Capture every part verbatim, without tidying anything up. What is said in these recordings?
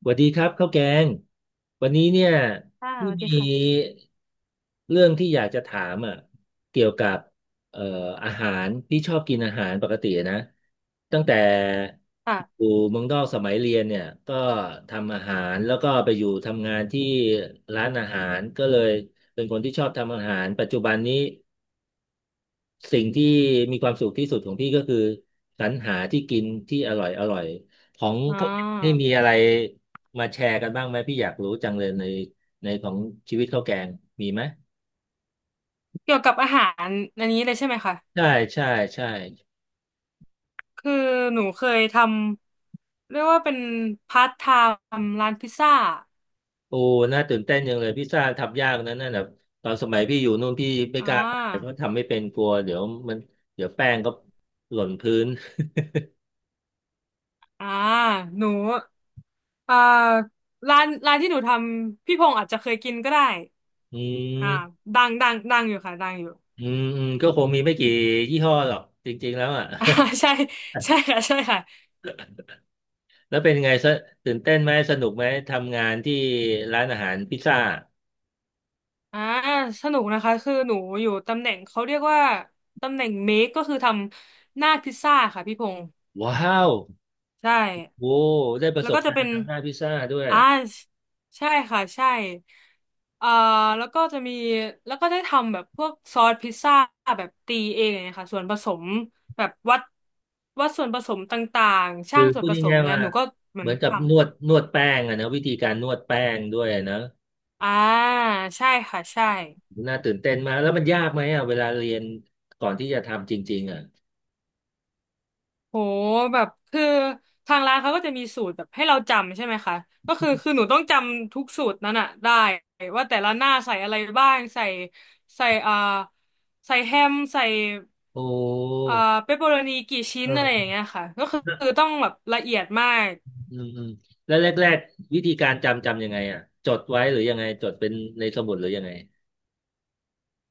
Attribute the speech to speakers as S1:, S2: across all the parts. S1: สวัสดีครับข้าวแกงวันนี้เนี่ย
S2: ค่ะส
S1: ที่
S2: วัส
S1: มี
S2: ดีค่ะ
S1: เรื่องที่อยากจะถามอ่ะเกี่ยวกับเอ่ออาหารที่ชอบกินอาหารปกตินะตั้งแต่อ
S2: ค่ะ
S1: ยู่เมืองนอกสมัยเรียนเนี่ยก็ทำอาหารแล้วก็ไปอยู่ทำงานที่ร้านอาหารก็เลยเป็นคนที่ชอบทำอาหารปัจจุบันนี้ สิ่งที่มีความสุขที่สุดของพี่ก็คือสรรหาที่กินที่อร่อยอร่อยของ
S2: อ๋อ
S1: เขานี่มีอะไรมาแชร์กันบ้างไหมพี่อยากรู้จังเลยในในของชีวิตข้าวแกงมีไหม
S2: เกี่ยวกับอาหารอันนี้เลยใช่ไหมคะ
S1: ใช่ใช่ใช่
S2: คือหนูเคยทำเรียกว่าเป็นพาร์ทไทม์ร้านพิซซ่า
S1: โอ้น่าตื่นเต้นจังเลยพิซซ่าทำยากนะนั่นแบบตอนสมัยพี่อยู่นู่นพี่ไม่
S2: อ่
S1: กล้าไปเพ
S2: า
S1: ราะทำไม่เป็นกลัวเดี๋ยวมันเดี๋ยวแป้งก็หล่นพื้น
S2: อ่าหนูอ่าร้านร้านที่หนูทำพี่พงษ์อาจจะเคยกินก็ได้
S1: อืม
S2: อ่าดังดังดังอยู่ค่ะดังอยู่
S1: อืมอืมก็คงมีไม่กี่ยี่ห้อหรอกจริงๆแล้วอ่ะ
S2: อ่าใช่ ใช่ค่ะใช่ค่ะ
S1: แล้วเป็นไงสตื่นเต้นไหมสนุกไหมทำงานที่ร้านอาหารพิซซ่า
S2: อ่าสนุกนะคะคือหนูอยู่ตำแหน่งเขาเรียกว่าตำแหน่งเมคก็คือทำหน้าพิซซ่าค่ะพี่พงษ์
S1: ว้าว
S2: ใช่
S1: โอ้ได้ประ
S2: แล้
S1: ส
S2: ว
S1: บ
S2: ก็จะ
S1: การ
S2: เป็น
S1: ณ์ทำหน้าพิซซ่าด้วย
S2: อ่าใช่ค่ะใช่เอ่อแล้วก็จะมีแล้วก็ได้ทำแบบพวกซอสพิซซ่าแบบตีเองอย่างเงี้ยค่ะ ส่วนผสมแบบวัดวัดส่วนผสมต่างๆ
S1: คื
S2: ช่าง
S1: อ
S2: ส่ว
S1: พู
S2: น
S1: ด
S2: ผสมอ
S1: ง่าย
S2: ย่าง
S1: ๆ
S2: เงี้ย
S1: ว่า
S2: หนูก็เหมื
S1: เห
S2: อ
S1: มื
S2: น
S1: อนกับ
S2: ทำ
S1: นวดนวดแป้งอะนะวิธีการนวดแป้งด้วยนะ
S2: อ่าใช่ค่ะใช่
S1: น่าตื่นเต้นมากแล้วมันยากไหมอะเวลาเรียนก่อนที่จะทำจริงๆอะ
S2: โหแบบคือทางร้านเขาก็จะมีสูตรแบบให้เราจำใช่ไหมคะก็คือคือหนูต้องจำทุกสูตรนั้นอะได้ว่าแต่ละหน้าใส่อะไรบ้างใส่ใส่อ่าใส่แฮมใส่
S1: โอ้
S2: อ่าเปปเปอโรนีกี่ชิ้
S1: เ
S2: นอะไรอย่าง
S1: ออ
S2: เงี้ยค่ะก็คือคือต้องแบบละเอียดมาก
S1: อืมอืมแล้วแรกๆวิธีการจำจำยังไงอะจดไว้หรือยังไงจดเป็นในสมุดหรือยังไง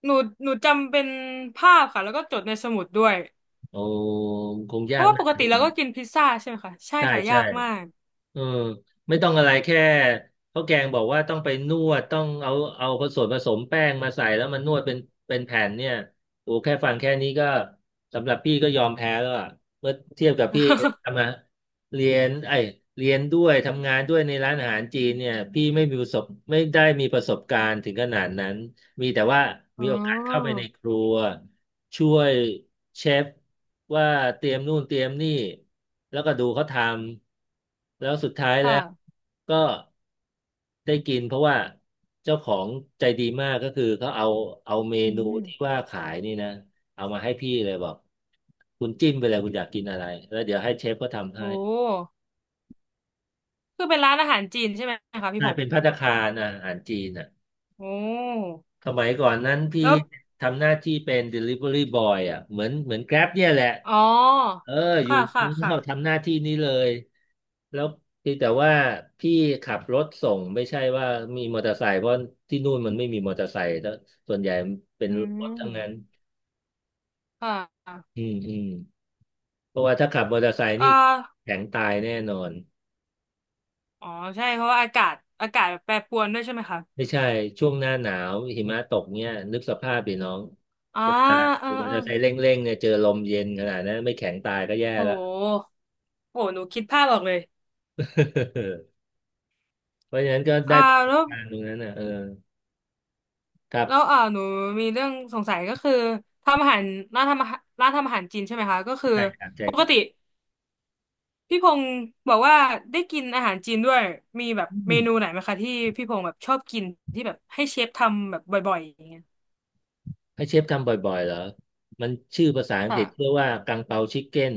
S2: หนูหนูจำเป็นภาพค่ะแล้วก็จดในสมุดด้วย
S1: โอ้คง
S2: เพ
S1: ยาก
S2: ราะว่า
S1: นะ
S2: ปกติเราก็กินพิซซ่าใช่ไหมคะใช่
S1: ใช่
S2: ค่ะยา
S1: ใช่
S2: กมาก
S1: เออไม่ต้องอะไรแค่ข้าวแกงบอกว่าต้องไปนวดต้องเอาเอาผสมผสมแป้งมาใส่แล้วมันนวดเป็นเป็นแผ่นเนี่ยโอ้แค่ฟังแค่นี้ก็สำหรับพี่ก็ยอมแพ้แล้วอะเมื่อเทียบกับพี่ทำมาเรียนไอยเรียนด้วยทำงานด้วยในร้านอาหารจีนเนี่ยพี่ไม่มีประสบไม่ได้มีประสบการณ์ถึงขนาดนั้นมีแต่ว่า
S2: อ๋
S1: มี
S2: อ
S1: โอกาสเข้าไปในครัว ช่วยเชฟว่าเตรียมนู่นเตรียมนี่แล้วก็ดูเขาทำแล้วสุดท้าย แล้ว
S2: ค่ะ
S1: ก็ได้กินเพราะว่าเจ้าของใจดีมากก็คือเขาเอาเอาเม
S2: อื
S1: นูที่
S2: ม
S1: ว่าขายนี่นะเอามาให้พี่เลยบอกคุณจิ้มไปเลยคุณอยากกินอะไรแล้วเดี๋ยวให้เชฟเขาทำ
S2: โ
S1: ให้
S2: ห คือเป็นร้านอาหารจีนใช่ไหมคะ
S1: ก
S2: พี่พ
S1: ลาย
S2: งษ์
S1: เป็นภัตตาคารอาหารจีนอ่ะ
S2: โอ้
S1: สมัยก่อนนั้นพี่
S2: แล้ว
S1: ทำหน้าที่เป็น Delivery Boy อ่ะเหมือนเหมือน Grab เนี่ยแหละ
S2: อ๋อ
S1: เอออยู่
S2: ค่ะ
S1: เมื
S2: ค่ะ
S1: องนอก
S2: ค่ะ
S1: ทำหน้าที่นี้เลยแล้วเพียงแต่ว่าพี่ขับรถส่งไม่ใช่ว่ามีมอเตอร์ไซค์เพราะที่นู่นมันไม่มีมอเตอร์ไซค์แล้วส่วนใหญ่เป็น
S2: อื
S1: รถทั้งนั้น
S2: มค่ะ
S1: อืมอืมเพราะว่าถ้าขับมอเตอร์ไซค์
S2: เอ่
S1: นี่แข็งตายแน่นอน
S2: ออ๋อใช่เพราะว่าอากาศอากาศแปรปรวนด้วยใช่ไหมคะ
S1: ไม่ใช่ช่วงหน้าหนาวหิมะตกเนี่ยนึกสภาพดิน้อง
S2: อ่า
S1: เวลา
S2: เออ
S1: ขี่มอ
S2: เออ
S1: เตอร์ไซค์เร่งๆเนี่ยเจอลมเย็นขนาดนั้นไม่แข็งตายก็แย่
S2: โ
S1: แล้ว
S2: หโหหนูคิดภาพออกเลย
S1: เพราะฉะนั้นก็ได้
S2: อ่า
S1: ประส
S2: แล้
S1: บ
S2: ว
S1: การณ์ตรงนั้นนะเออครั
S2: แล้ว
S1: บ
S2: อ่าหนูมีเรื่องสงสัยก็คือทำอาหารร้านทำอาหารร้านทำอาหารจีนใช่ไหมคะก็คือ
S1: ใช่ครับใช่
S2: ป
S1: ค
S2: ก
S1: รั
S2: ติ
S1: บ
S2: พี่พงศ์บอกว่าได้กินอาหารจีนด้วยมีแบบ
S1: อื
S2: เม
S1: ม
S2: นูไหนไหมคะที่พี่พงศ์แบบชอบกินที่แบบให้เชฟทำแบบบ่อยๆอย่างเงี้ย
S1: ให้เชฟทำบ่อยๆเหรอ มันชื่อภาษาอังก
S2: ค่ะ
S1: ฤษเรียกว่ากังเปาชิคเก้น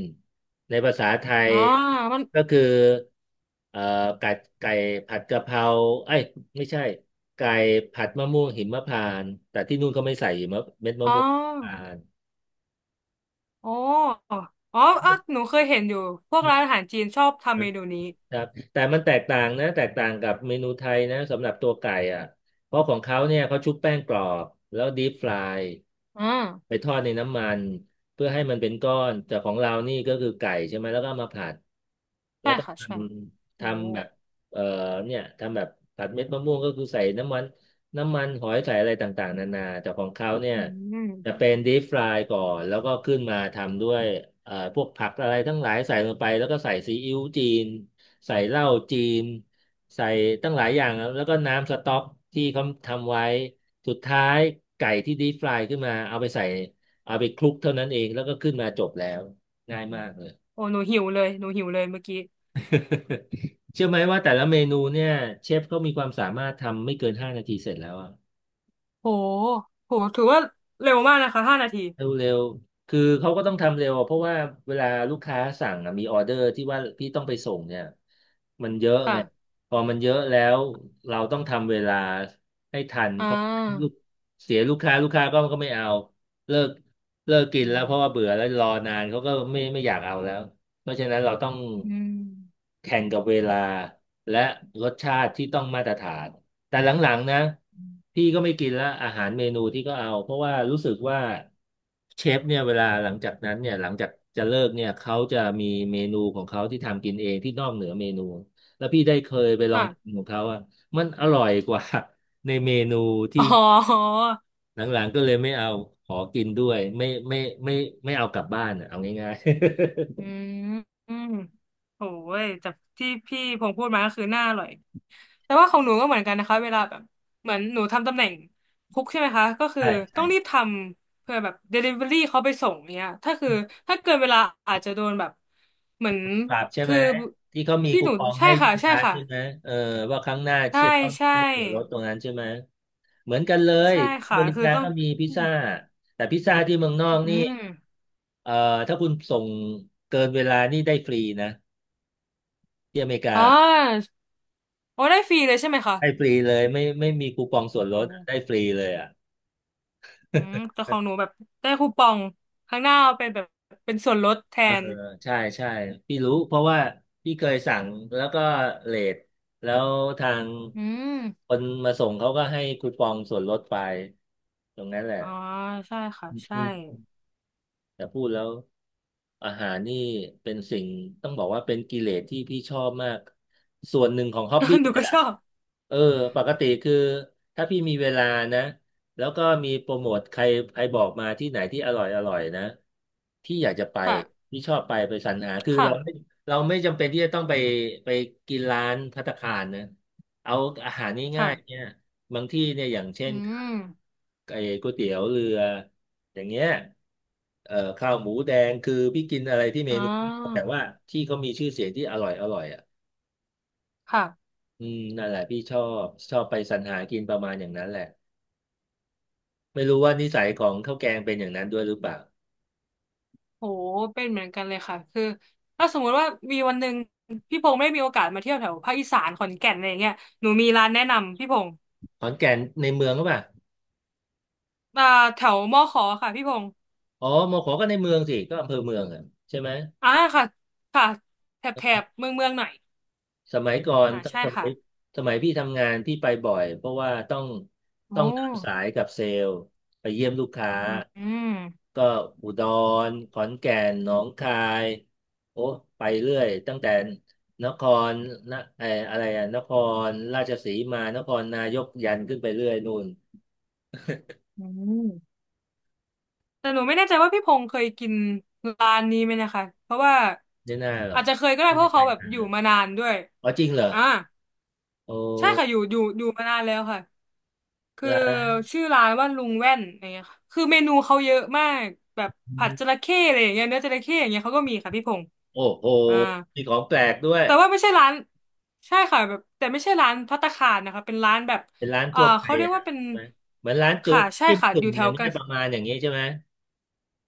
S1: ในภาษาไทย
S2: อ๋อมัน
S1: ก็คือเอ่อไก่ไก่ผัดกะเพราเอ้ยไม่ใช่ไก่ผัดมะม่วงหิมพานต์แต่ที่นู่นเขาไม่ใส่หิมะเม็ดมะ
S2: อ๋อ
S1: ม่วงหิมพานต์
S2: อ๋ออ๋ออ่ะหนูเคยเห็นอยู่พวกร้านอาหารจีนชอบทำเมนูนี้
S1: ครับแต่มันแตกต่างนะแตกต่างกับเมนูไทยนะสำหรับตัวไก่อ่ะเพราะของเขาเนี่ยเขาชุบแป้งกรอบแล้วดีฟราย
S2: อ่า
S1: ไปทอดในน้ำมันเพื่อให้มันเป็นก้อนแต่ของเรานี่ก็คือไก่ใช่ไหมแล้วก็เอามาผัด
S2: ใช่ค่ะ
S1: อื
S2: ใช่
S1: ม
S2: โอ้
S1: ทำแบบเอ่อเนี่ยทำแบบผัดเม็ดมะม่วงก็คือใส่น้ำมันน้ำมันหอยใส่อะไรต่างๆนานาแต่ของเขาเนี่ย
S2: อื
S1: จะ
S2: ม
S1: เป็นดีฟรายก่อนแล้วก็ขึ้นมาทำด้วยเอ่อพวกผักอะไรทั้งหลายใส่ลงไปแล้วก็ใส่ซีอิ๊วจีนใส่เหล้าจีนใส่ตั้งหลายอย่างแล้วก็น้ำสต๊อกที่เขาทำไว้สุดท้ายไก่ที่ดีฟรายขึ้นมาเอาไปใส่เอาไปคลุกเท่านั้นเองแล้วก็ขึ้นมาจบแล้ว ง่ายมากเลย
S2: โอ้หนูหิวเลยหนูหิวเลยเมื่อกี้
S1: เชื่อไหมว่าแต่ละเมนูเนี่ยเชฟเขามีความสามารถทำไม่เกินห้านาทีเสร็จแล้วอะ
S2: โหโหถือว่าเร็วมากนะคะห้านาที
S1: เร็วเร็วคือเขาก็ต้องทำเร็วอะเพราะว่าเวลาลูกค้าสั่งอะมีออเดอร์ที่ว่าพี่ต้องไปส่งเนี่ยมันเยอะ
S2: ค่ะ
S1: ไงพอมันเยอะแล้วเราต้องทำเวลาให้ทัน
S2: อ่
S1: เพราะลู
S2: า
S1: กเสียลูกค้าลูกค้าก็ก็ไม่เอาเลิกเลิกกิน
S2: อื
S1: แล้วเพ
S2: ม
S1: ราะว่าเบื่อแล้วรอนานเขาก็ไม่ไม่อยากเอาแล้วเพราะฉะนั้นเราต้อง
S2: อืม
S1: แข่งกับเวลาและรสชาติที่ต้องมาตรฐาน แต่หลังๆนะพี่ก็ไม่กินละอาหารเมนูที่ก็เอาเพราะว่ารู้สึกว่าเชฟเนี่ยเวลาหลังจากนั้นเนี่ยหลังจากจะเลิกเนี่ยเขาจะมีเมนูของเขาที่ทำกินเองที่นอกเหนือเมนูแล้วพี่ได้เคยไปลองกิน
S2: ค่ะ
S1: ของเขาอ่ะมันอร่อยกว่า ในเมนูที่
S2: อ๋อ
S1: หลังๆก็เลยไม่เอาขอกินด้วยไม่ไม่ไม่ไม่เอากลับบ้านอะเอาง่าย
S2: อื
S1: ๆ
S2: มอืโอ้ยจากที่พี่พงษ์พูดมาก็คือหน้าอร่อยแต่ว่าของหนูก็เหมือนกันนะคะเวลาแบบเหมือนหนูทำตำแหน่งคุกใช่ไหมคะก็ คือ
S1: ใช่ใช่
S2: ต้องรีบทำเพื่อแบบ Delivery เขาไปส่งเนี้ยถ้าคือถ้าเกินเวลาอาจจะโดนแบบเหมือน
S1: ครับใช่ไห
S2: คื
S1: ม
S2: อ
S1: ที่เขามี
S2: ที่
S1: คู
S2: หนู
S1: ปอง
S2: ใช่
S1: ให้
S2: ค่ะ
S1: ลูก
S2: ใช่
S1: ค้า
S2: ค่ะ
S1: ใช่ไหมเออว่าครั้งหน้า
S2: ใช่
S1: จะต้อง
S2: ใช่
S1: ได้ส่วนลดตรงนั้นใช่ไหมเหมือนกันเลย
S2: ใช่
S1: ที่อ
S2: ค่ะ
S1: เมริ
S2: คือ
S1: กา
S2: ต้อง
S1: ก็มีพิซซ่าแต่พิซซ่าที่เมืองนอก
S2: อื
S1: นี่
S2: ม
S1: เอ่อถ้าคุณส่งเกินเวลานี่ได้ฟรีนะที่อเมริกา
S2: อ๋อโอ้ได้ฟรีเลยใช่ไหมคะ
S1: ให้ฟรีเลยไม่ไม่มีคูปองส่วน
S2: โอ
S1: ลดได้
S2: ้
S1: ฟรีเลยอ่ะ
S2: อืมแต่ของหนูแบบได้คูปองข้างหน้าเอาเป็นแบบเป็นส่วนลดแท
S1: เออ
S2: น
S1: ใช่ใช่พี่รู้เพราะว่าพี่เคยสั่งแล้วก็เลทแล้วทาง
S2: อื
S1: ค
S2: ม
S1: นมาส่งเขาก็ให้คูปองส่วนลดไปตรงนั้นแหละ
S2: อ๋อใช่ค่ะ
S1: อื
S2: ใช่
S1: มแต่พูดแล้ว อาหารนี่เป็นสิ่งต้องบอกว่าเป็นกิเลสที่พี่ชอบมากส่วนหนึ่งของฮ็อบบี้
S2: หนู
S1: เลย
S2: ก็ช
S1: อะ
S2: อบ
S1: เออปกติคือถ้าพี่มีเวลานะแล้วก็มีโปรโมทใครใครบอกมาที่ไหนที่อร่อยอร่อยนะพี่อยากจะไป
S2: ค่ะ
S1: พี่ชอบไปไปสรรหาคือ
S2: ค่ะ
S1: เราไม่เราไม่จำเป็นที่จะต้องไปไปกินร้านภัตตาคารนะเอาอาหาร
S2: ค่ะ
S1: ง่ายๆเนี่ยบางที่เนี่ยอย่างเช่
S2: อื
S1: น
S2: ม
S1: ไอ้ก๋วยเตี๋ยวเรือ อย่างเงี้ยเอ่อข้าวหมูแดงคือพี่กินอะไรที่เม
S2: อ๋
S1: นูนี้แต่
S2: อ
S1: ว่าที่เขามีชื่อเสียงที่อร่อยอร่อยอ่ะ
S2: ค่ะ
S1: อืมนั่นแหละพี่ชอบชอบไปสรรหากินประมาณอย่างนั้นแหละไม่รู้ว่านิสัยของข้าวแกงเป็นอย่างนั้นด้วยหรือเปล่า
S2: โหเป็นเหมือนกันเลยค่ะคือถ้าสมมุติว่ามีวันหนึ่งพี่พงษ์ไม่มีโอกาสมาเที่ยวแถวภาคอีสานขอนแก่นอะไรอย่างเงี้ยหนูมีร้านแนะนำพี่พงษ์
S1: ขอนแก่นในเมืองก็ปล่ะ
S2: อ่าแถวมอขอค่ะพี่พงษ์
S1: อ๋อมอขอก็ในเมืองสิก็อำเภอเมืองอ่ะใช่ไหม
S2: อ่าค่ะค่ะแถบแถบเมืองเมืองหน่อย
S1: สมัยก่อน
S2: อ่า
S1: ตอน
S2: ใช่
S1: สมั
S2: ค่ะ
S1: ยสมัยพี่ทำงาน พี่ไปบ่อย เพราะว่าต้อง
S2: โอ้
S1: ต้องเดินสายกับเซลล์ไปเยี่ยมลูกค้า
S2: อืม
S1: ก็อุดรขอนแก่นหนองคายโอ้ไปเรื่อยตั้งแต่นครนะไอออะไรอะนครราชสีมานครนายกยันขึ้นไปเรื่อยนู่น
S2: อืมแต่หนูไม่แน่ใจว่าพี่พงษ์เคยกินร้านนี้ไหมนะคะเพราะว่า
S1: ไม่น่าหรอ
S2: อา
S1: ก
S2: จจะเคยก็ได้
S1: ไม่
S2: เพ
S1: ได้
S2: ราะ
S1: ไป
S2: เขาแบบ
S1: น
S2: อยู่
S1: ะ
S2: มานานด้วย
S1: อ๋อจริงเหรอ
S2: อ่า
S1: โอ้
S2: ใช่ค่ะอยู่อยู่อยู่มานานแล้วค่ะคือ
S1: ร้าน
S2: ชื่อร้านว่าลุงแว่นอย่างเงี้ยค่ะคือเมนูเขาเยอะมากแบบผัดจระเข้อะไรอย่างเงี้ยเนื้อจระเข้อย่างเงี้ยเขาก็มีค่ะพี่พงษ์
S1: โอ้โห
S2: อ่า
S1: มีของแปลกด้วย
S2: แต่ว่าไม่ใช่ร้านใช่ค่ะแบบแต่ไม่ใช่ร้านภัตตาคารนะคะเป็นร้านแบบ
S1: เป็นร้าน
S2: อ่า
S1: ทั่วไป
S2: เขาเรียก
S1: อ่ะ
S2: ว่าเป็น
S1: ใช่ไหมเหมือนร้านจุ
S2: ค่ะใช่
S1: จิ้ม
S2: ค่ะ
S1: จุ่
S2: อ
S1: ม
S2: ยู่แถ
S1: อย่า
S2: ว
S1: งเงี้
S2: กั
S1: ย
S2: น
S1: ประมาณอย่างเงี้ยใช่ไหม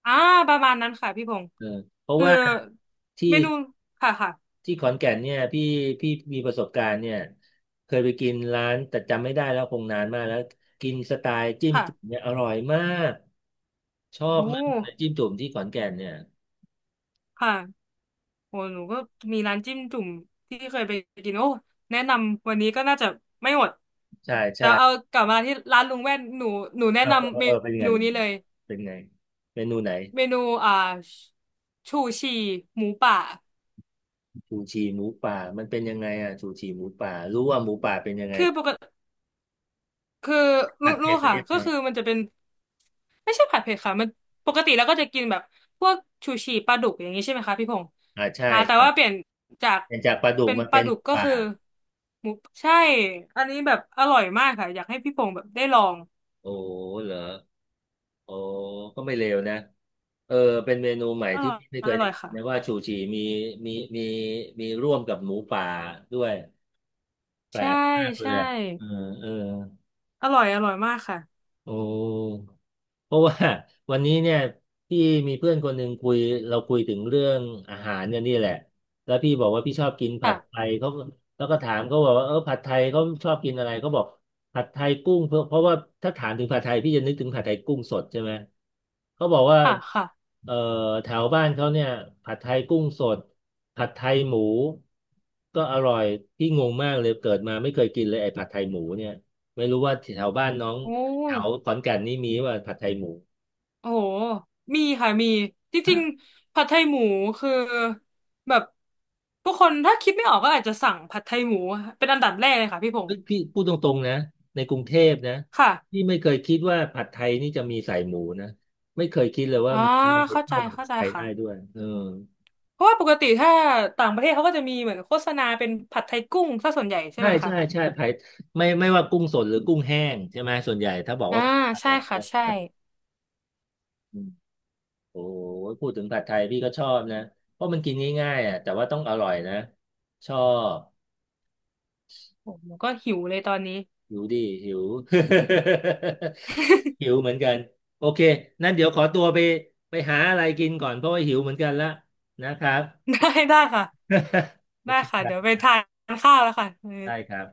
S2: อ่าประมาณนั้นค่ะพี่พงศ์
S1: เออเพราะ
S2: คือ
S1: ว่าที่
S2: เมนูค่ะค่ะ
S1: ที่ขอนแก่นเนี่ยพี่พี่มีประสบการณ์เนี่ยเคยไปกินร้านแต่จำไม่ได้แล้วคงนานมากแล้วกินสไตล์จิ้มจุ่ม
S2: ค่ะ
S1: เนี่ยอร่อยมากชอบ
S2: โอ้
S1: มากเลยจิ้มจุ่มที่ขอนแก่นเนี่ย
S2: ค่ะโอ้หนูก็มีร้านจิ้มจุ่มที่เคยไปกินโอ้แนะนำวันนี้ก็น่าจะไม่หมด
S1: ใช่
S2: แต่
S1: ใช่
S2: เอากลับมาที่ร้านลุงแว่นหนูหนูแนะ
S1: เออเอ
S2: นำ
S1: อ
S2: เม
S1: เออเป็นยังไง
S2: นู
S1: เป็นยัง
S2: นี้
S1: ไง
S2: เลย
S1: เป็นไงเมนูไหน
S2: เมนูอ่าชูชีหมูป่า
S1: ชูชีหมูป่ามันเป็นยังไงอ่ะชูชีหมูป่ารู้ว่าหมูป่าเป็นยังไง
S2: คือปกติ คือ
S1: ผั
S2: รู้
S1: ด
S2: รู้
S1: เผ็ดประ
S2: ค่ะ
S1: เภทไห
S2: ก็
S1: น
S2: คือมันจะเป็นไม่ใช่ผัดเผ็ดค่ะมันปกติแล้วก็จะกินแบบพวกชูชีปลาดุกอย่างนี้ใช่ไหมคะพี่พงษ์
S1: อ่าใช่
S2: อ่าแต่ว่าเปลี่ยนจาก
S1: เป็นจากปลาดุก
S2: เป็น
S1: มา
S2: ปลา
S1: เป็น
S2: ดุกก็
S1: ป่า
S2: คือหมูใช่อันนี้แบบอร่อยมากค่ะอยากให้พี่พงษ์แบบได้ลอง
S1: โอ้เหรอโอ้ก็ไม่เลวนะเออเป็นเมนูใหม่
S2: อ
S1: ที่
S2: ร่อย
S1: ไม่
S2: อ
S1: เคยได้
S2: ร่อย
S1: กินนะว่า
S2: ค่ะ
S1: ชูชีมีมีมีมีร่วมกับหมูป่าด้วยแปล
S2: ใช่
S1: กมากเลย
S2: ใช่
S1: อ่ะเออเออ
S2: อร่อยอร่อยมากค่ะ
S1: โอ้ เพราะว่า วันนี้เนี่ยพี่มีเพื่อนคนหนึ่งคุยเราคุยถึงเรื่องอาหารเนี่ยนี่แหละแล้วพี่บอกว่าพี่ชอบกินผั
S2: ค่ะ
S1: ดไทยเขาแล้วก็ถามเขาบอกว่าเออผัดไทยเขาชอบกินอะไรเขาบอกผัดไทยกุ้งเพราะเพราะว่าถ้าถามถึงผัดไทยพี่จะนึกถึงผัดไทยกุ้งสดใช่ไหมเขาบอกว่า
S2: ค่ะค่ะ
S1: เอ่อแถวบ้านเขาเนี่ยผัดไทยกุ้งสดผัดไทยหมูก็อร่อยพี่งงมากเลยเกิดมาไม่เคยกินเลยไอ้ผัดไทยหมูเนี่ยไม่รู้ว่าแถวบ้านน้อง
S2: โอ
S1: แถว
S2: ้
S1: ขอนแก่นนี่มีว่าผัดไทยหมู
S2: โอ้โหมีค่ะมีจริงๆผัดไทยหมูคือแบบผู้คนถ้าคิดไม่ออกก็อาจจะสั่งผัดไทยหมูเป็นอันดับแรกเลยค่ะพี่พง
S1: เอ้
S2: ศ์
S1: ยพี่พูดตรงๆนะในกรุงเทพนะ
S2: ค่ะ
S1: พี่ไม่เคยคิดว่าผัดไทยนี่จะมีใส่หมูนะไม่เคยคิดเลยว่า
S2: อ่า
S1: หมูมันจะ
S2: เข้าใจ
S1: เข้ากับ
S2: เข้า
S1: ผัด
S2: ใจ
S1: ไทย
S2: ค่ะ
S1: ได้ด้วยเออ
S2: เพราะว่าปกติถ้าต่างประเทศเขาก็จะมีเหมือนโฆษณาเป็นผัดไทยกุ้งซะส่วนใหญ่ใช่
S1: ใช่
S2: ไหมคะ
S1: ใช่ใช่ไผัดไม่ไม่ว่ากุ้งสดหรือกุ้งแห้งใช่ไหมส่วนใหญ่ถ้าบอก
S2: อ่า
S1: ว่าผัดไทย
S2: ใช่
S1: อ่ะเอ
S2: ค่ะ
S1: อ
S2: ใช่
S1: อืมโอ้ยพูดถึงผัดไทยพี่ก็ชอบนะเพราะมันกินง่ายๆอ่ะแต่ว่าต้องอร่อยนะชอบ
S2: โอ้ผมก็หิวเลยตอนนี้
S1: หิวดิหิว หิว เหมือนกันโอเคนั่นเดี๋ยวขอตัวไปไปหาอะไรกินก่อนเพราะว่าหิวเหมือนกันละนะครับ
S2: ได้ได้ค่ะ
S1: โอ
S2: ได้
S1: เค
S2: ค่ะ
S1: ครั
S2: เดี๋ยวไป
S1: บ
S2: ทานข้าวแล้วค่ะ
S1: ได้ครับ